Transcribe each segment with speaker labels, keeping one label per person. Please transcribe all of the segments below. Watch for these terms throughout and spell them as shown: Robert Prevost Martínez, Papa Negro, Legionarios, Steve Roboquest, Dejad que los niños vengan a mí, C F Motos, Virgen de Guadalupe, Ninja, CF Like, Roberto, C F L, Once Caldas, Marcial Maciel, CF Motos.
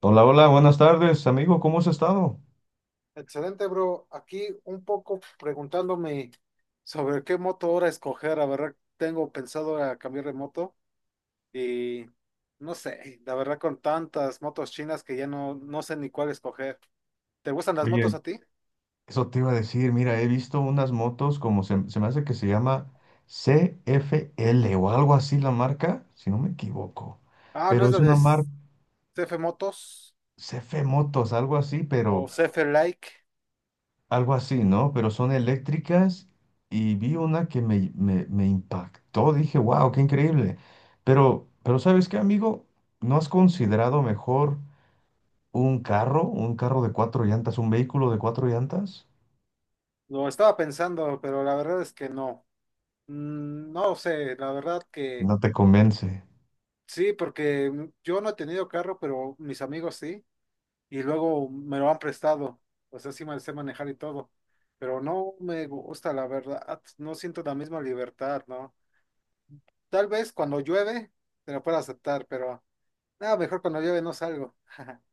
Speaker 1: Hola, hola, buenas tardes, amigo, ¿cómo has estado?
Speaker 2: Excelente, bro. Aquí un poco preguntándome sobre qué moto ahora escoger. La verdad, tengo pensado a cambiar de moto y no sé, la verdad con tantas motos chinas que ya no sé ni cuál escoger. ¿Te gustan las motos
Speaker 1: Oye,
Speaker 2: a ti?
Speaker 1: eso te iba a decir, mira, he visto unas motos como se me hace que se llama C F L o algo así la marca, si no me equivoco,
Speaker 2: Ah, ¿no
Speaker 1: pero
Speaker 2: es
Speaker 1: es
Speaker 2: la
Speaker 1: una
Speaker 2: de C
Speaker 1: marca
Speaker 2: F Motos
Speaker 1: C F Motos, algo así,
Speaker 2: o
Speaker 1: pero
Speaker 2: CF Like?
Speaker 1: algo así, ¿no? Pero son eléctricas y vi una que me impactó, dije, wow, qué increíble, pero ¿sabes qué, amigo? ¿No has considerado mejor un carro de cuatro llantas, un vehículo de cuatro llantas?
Speaker 2: Lo estaba pensando, pero la verdad es que no. No sé, la verdad que
Speaker 1: No te convence.
Speaker 2: sí, porque yo no he tenido carro, pero mis amigos sí. Y luego me lo han prestado. O sea, sí me sé manejar y todo, pero no me gusta, la verdad. No siento la misma libertad, ¿no? Tal vez cuando llueve te lo pueda aceptar, pero nada, mejor cuando llueve no salgo.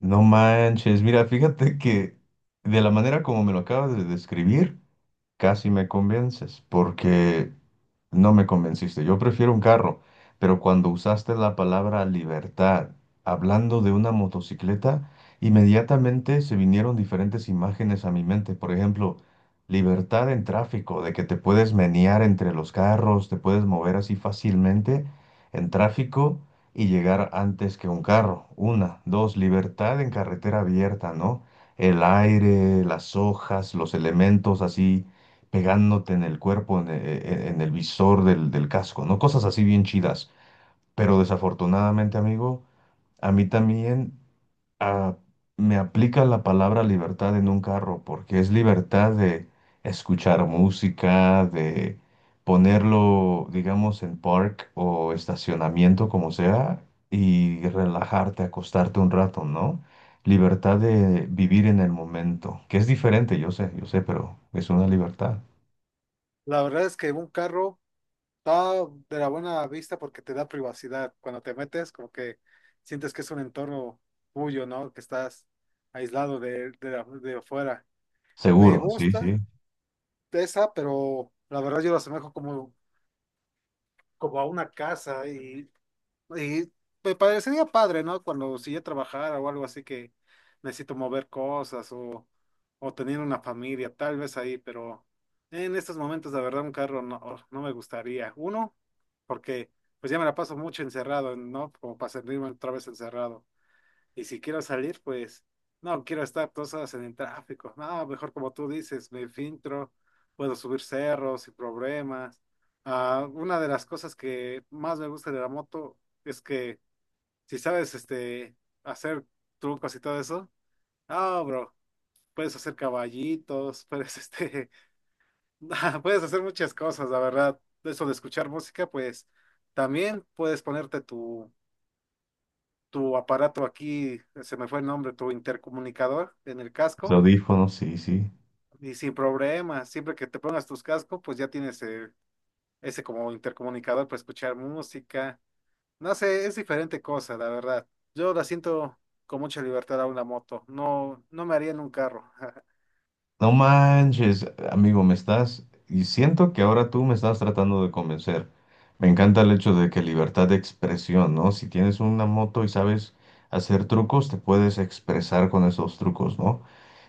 Speaker 1: No manches. Mira, fíjate que de la manera como me lo acabas de describir, casi me convences, porque no me convenciste. Yo prefiero un carro, pero cuando usaste la palabra libertad, hablando de una motocicleta, inmediatamente se vinieron diferentes imágenes a mi mente. Por ejemplo, libertad en tráfico, de que te puedes menear entre los carros, te puedes mover así fácilmente en tráfico y llegar antes que un carro. Una, dos, libertad en carretera abierta, ¿no? El aire, las hojas, los elementos así pegándote en el cuerpo, en el visor del casco, ¿no? Cosas así bien chidas. Pero desafortunadamente, amigo, a mí también ah, me aplica la palabra libertad en un carro, porque es libertad de escuchar música, de ponerlo, digamos, en park o estacionamiento, como sea, y relajarte, acostarte un rato, ¿no? Libertad de vivir en el momento, que es diferente, yo sé, pero es una libertad.
Speaker 2: La verdad es que un carro está de la buena vista porque te da privacidad. Cuando te metes, como que sientes que es un entorno tuyo, ¿no? Que estás aislado de afuera. Me
Speaker 1: Seguro, sí, sí.
Speaker 2: gusta esa, pero la verdad yo lo asemejo como a una casa y me parecería padre, ¿no? Cuando si ya trabajara o algo así que necesito mover cosas o tener una familia, tal vez ahí, pero en estos momentos, la verdad, un carro no, no me gustaría. Uno, porque pues ya me la paso mucho encerrado, ¿no? Como para sentirme otra vez encerrado. Y si quiero salir, pues no quiero estar 2 horas en el tráfico. No, mejor como tú dices, me filtro, puedo subir cerros sin problemas. Ah, una de las cosas que más me gusta de la moto es que si sabes este, hacer trucos y todo eso, ah, bro, puedes hacer caballitos, puedes, este, puedes hacer muchas cosas, la verdad. Eso de escuchar música, pues también puedes ponerte tu aparato aquí, se me fue el nombre, tu intercomunicador en el
Speaker 1: Los
Speaker 2: casco
Speaker 1: audífonos, sí, sí.
Speaker 2: y sin problema, siempre que te pongas tus cascos, pues ya tienes ese como intercomunicador para escuchar música. No sé, es diferente cosa, la verdad. Yo la siento con mucha libertad a una moto, no, no me haría en un carro.
Speaker 1: No manches, amigo, me estás, y siento que ahora tú me estás tratando de convencer. Me encanta el hecho de que libertad de expresión, ¿no? Si tienes una moto y sabes hacer trucos, te puedes expresar con esos trucos, ¿no?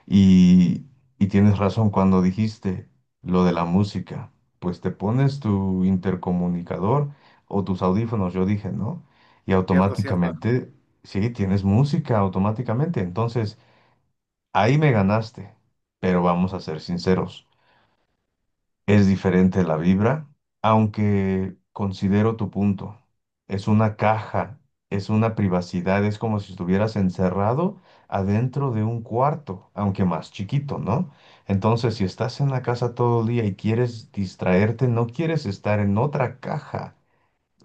Speaker 1: Y, y tienes razón cuando dijiste lo de la música. Pues te pones tu intercomunicador o tus audífonos, yo dije, ¿no? Y
Speaker 2: Cierto, cierto.
Speaker 1: automáticamente, sí, tienes música automáticamente. Entonces... Ahí me ganaste, pero vamos a ser sinceros, es diferente la vibra, aunque considero tu punto. Es una caja, es una privacidad, es como si estuvieras encerrado adentro de un cuarto, aunque más chiquito, ¿no? Entonces, si estás en la casa todo el día y quieres distraerte, no quieres estar en otra caja.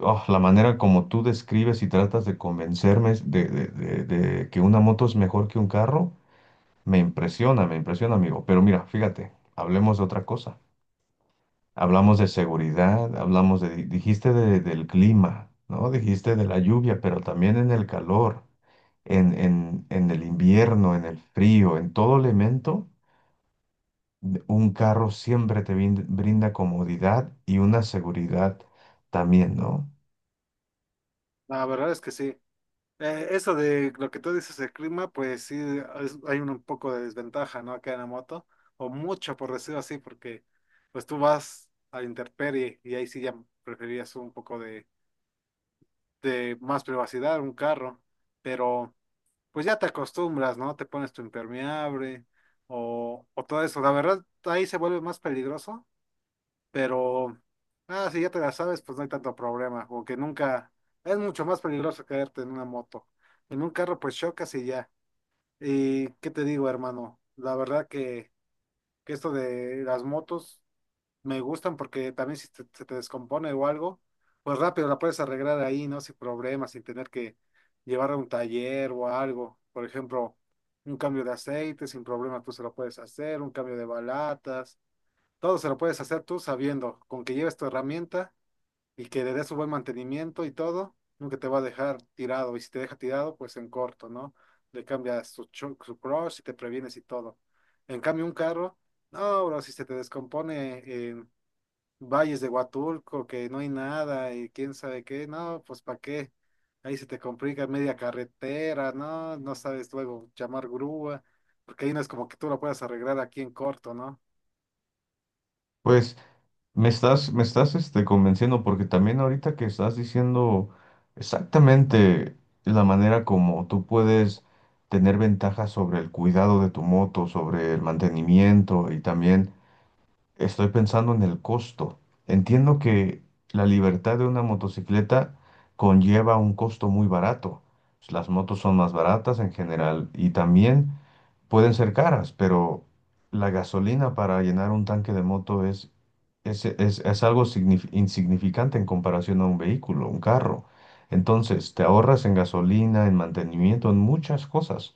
Speaker 1: Oh, la manera como tú describes y tratas de convencerme de que una moto es mejor que un carro. Me impresiona, amigo. Pero mira, fíjate, hablemos de otra cosa. Hablamos de seguridad, hablamos de, dijiste del clima, ¿no? Dijiste de la lluvia, pero también en el calor, en el invierno, en el frío, en todo elemento, un carro siempre te brinda comodidad y una seguridad también, ¿no?
Speaker 2: La verdad es que sí. Eso de lo que tú dices del clima, pues sí, hay un poco de desventaja, ¿no? Acá en la moto, o mucho por decirlo así, porque pues tú vas a intemperie y ahí sí ya preferirías un poco de más privacidad, un carro, pero pues ya te acostumbras, ¿no? Te pones tu impermeable o todo eso. La verdad, ahí se vuelve más peligroso pero, si ya te la sabes, pues no hay tanto problema, porque nunca, es mucho más peligroso caerte en una moto. En un carro, pues chocas y ya. Y qué te digo, hermano, la verdad que esto de las motos me gustan porque también si se te descompone o algo, pues rápido la puedes arreglar ahí, ¿no? Sin problemas, sin tener que llevarla a un taller o algo. Por ejemplo, un cambio de aceite, sin problema tú se lo puedes hacer, un cambio de balatas todo se lo puedes hacer tú sabiendo, con que lleves tu herramienta y que le des su buen mantenimiento y todo, nunca te va a dejar tirado. Y si te deja tirado, pues en corto, ¿no? Le cambias su crush y te previenes y todo. En cambio, un carro, no, bro, si se te descompone en valles de Huatulco, que no hay nada y quién sabe qué, no, pues ¿para qué? Ahí se te complica media carretera, no, no sabes luego llamar grúa, porque ahí no es como que tú lo puedas arreglar aquí en corto, ¿no?
Speaker 1: Pues me estás, convenciendo porque también ahorita que estás diciendo exactamente la manera como tú puedes tener ventajas sobre el cuidado de tu moto, sobre el mantenimiento y también estoy pensando en el costo. Entiendo que la libertad de una motocicleta conlleva un costo muy barato. Las motos son más baratas en general y también pueden ser caras, pero la gasolina para llenar un tanque de moto es algo insignificante en comparación a un vehículo, un carro. Entonces, te ahorras en gasolina, en mantenimiento, en muchas cosas.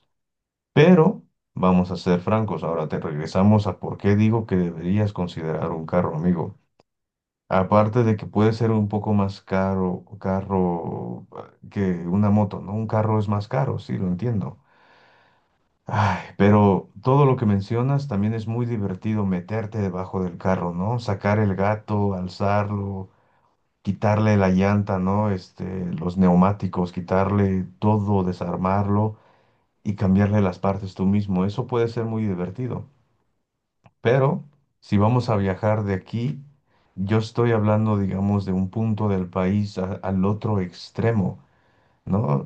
Speaker 1: Pero, vamos a ser francos, ahora te regresamos a por qué digo que deberías considerar un carro, amigo. Aparte de que puede ser un poco más caro, carro que una moto, ¿no? Un carro es más caro, sí, lo entiendo. Ay, pero todo lo que mencionas también es muy divertido meterte debajo del carro, ¿no? Sacar el gato, alzarlo, quitarle la llanta, ¿no? Este, los neumáticos, quitarle todo, desarmarlo y cambiarle las partes tú mismo. Eso puede ser muy divertido. Pero si vamos a viajar de aquí, yo estoy hablando, digamos, de un punto del país al otro extremo, ¿no?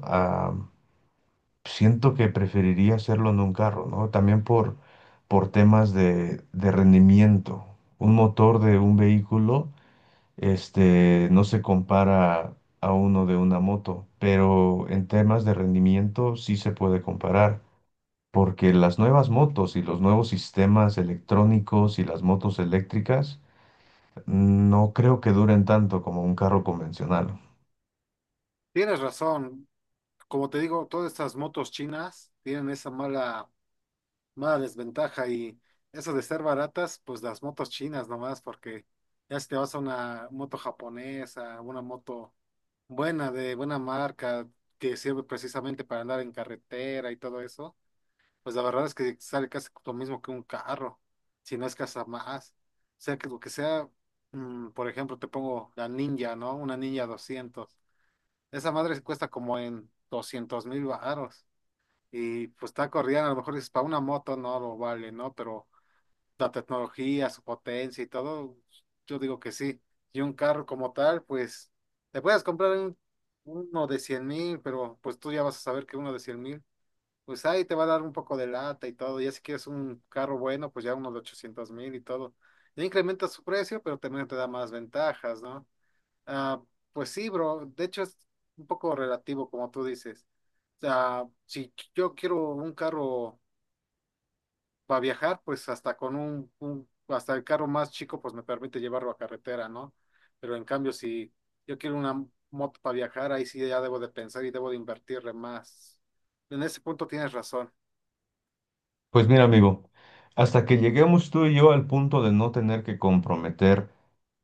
Speaker 1: Siento que preferiría hacerlo en un carro, ¿no? También por temas de rendimiento. Un motor de un vehículo, este, no se compara a uno de una moto, pero en temas de rendimiento sí se puede comparar, porque las nuevas motos y los nuevos sistemas electrónicos y las motos eléctricas no creo que duren tanto como un carro convencional.
Speaker 2: Tienes razón. Como te digo, todas estas motos chinas tienen esa mala, mala desventaja y eso de ser baratas, pues las motos chinas nomás, porque ya si te vas a una moto japonesa, una moto buena, de buena marca, que sirve precisamente para andar en carretera y todo eso, pues la verdad es que sale casi lo mismo que un carro, si no es que hasta más. O sea, que lo que sea, por ejemplo, te pongo la Ninja, ¿no? Una Ninja 200. Esa madre cuesta como en 200,000 baros. Y pues está corrida, a lo mejor dices, para una moto no lo vale, ¿no? Pero la tecnología, su potencia y todo, yo digo que sí. Y un carro como tal, pues te puedes comprar uno de 100,000, pero pues tú ya vas a saber que uno de 100,000, pues ahí te va a dar un poco de lata y todo. Ya si quieres un carro bueno, pues ya uno de 800,000 y todo. Ya incrementa su precio, pero también te da más ventajas, ¿no? Ah, pues sí, bro. De hecho, es un poco relativo, como tú dices. O sea, si yo quiero un carro para viajar, pues hasta con hasta el carro más chico, pues me permite llevarlo a carretera, ¿no? Pero en cambio, si yo quiero una moto para viajar, ahí sí ya debo de pensar y debo de invertirle más. En ese punto tienes razón.
Speaker 1: Pues mira, amigo, hasta que lleguemos tú y yo al punto de no tener que comprometer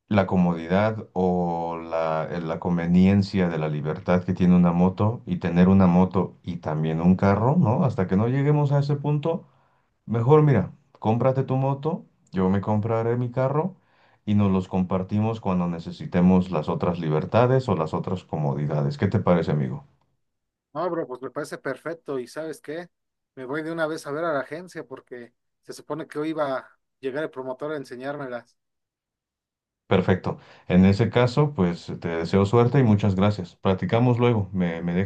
Speaker 1: la comodidad o la, la conveniencia de la libertad que tiene una moto y tener una moto y también un carro, ¿no? Hasta que no lleguemos a ese punto, mejor mira, cómprate tu moto, yo me compraré mi carro y nos los compartimos cuando necesitemos las otras libertades o las otras comodidades. ¿Qué te parece, amigo?
Speaker 2: No, bro, pues me parece perfecto. ¿Y sabes qué? Me voy de una vez a ver a la agencia porque se supone que hoy iba a llegar el promotor a enseñármelas.
Speaker 1: Perfecto. En ese caso, pues te deseo suerte y muchas gracias. Platicamos luego. Me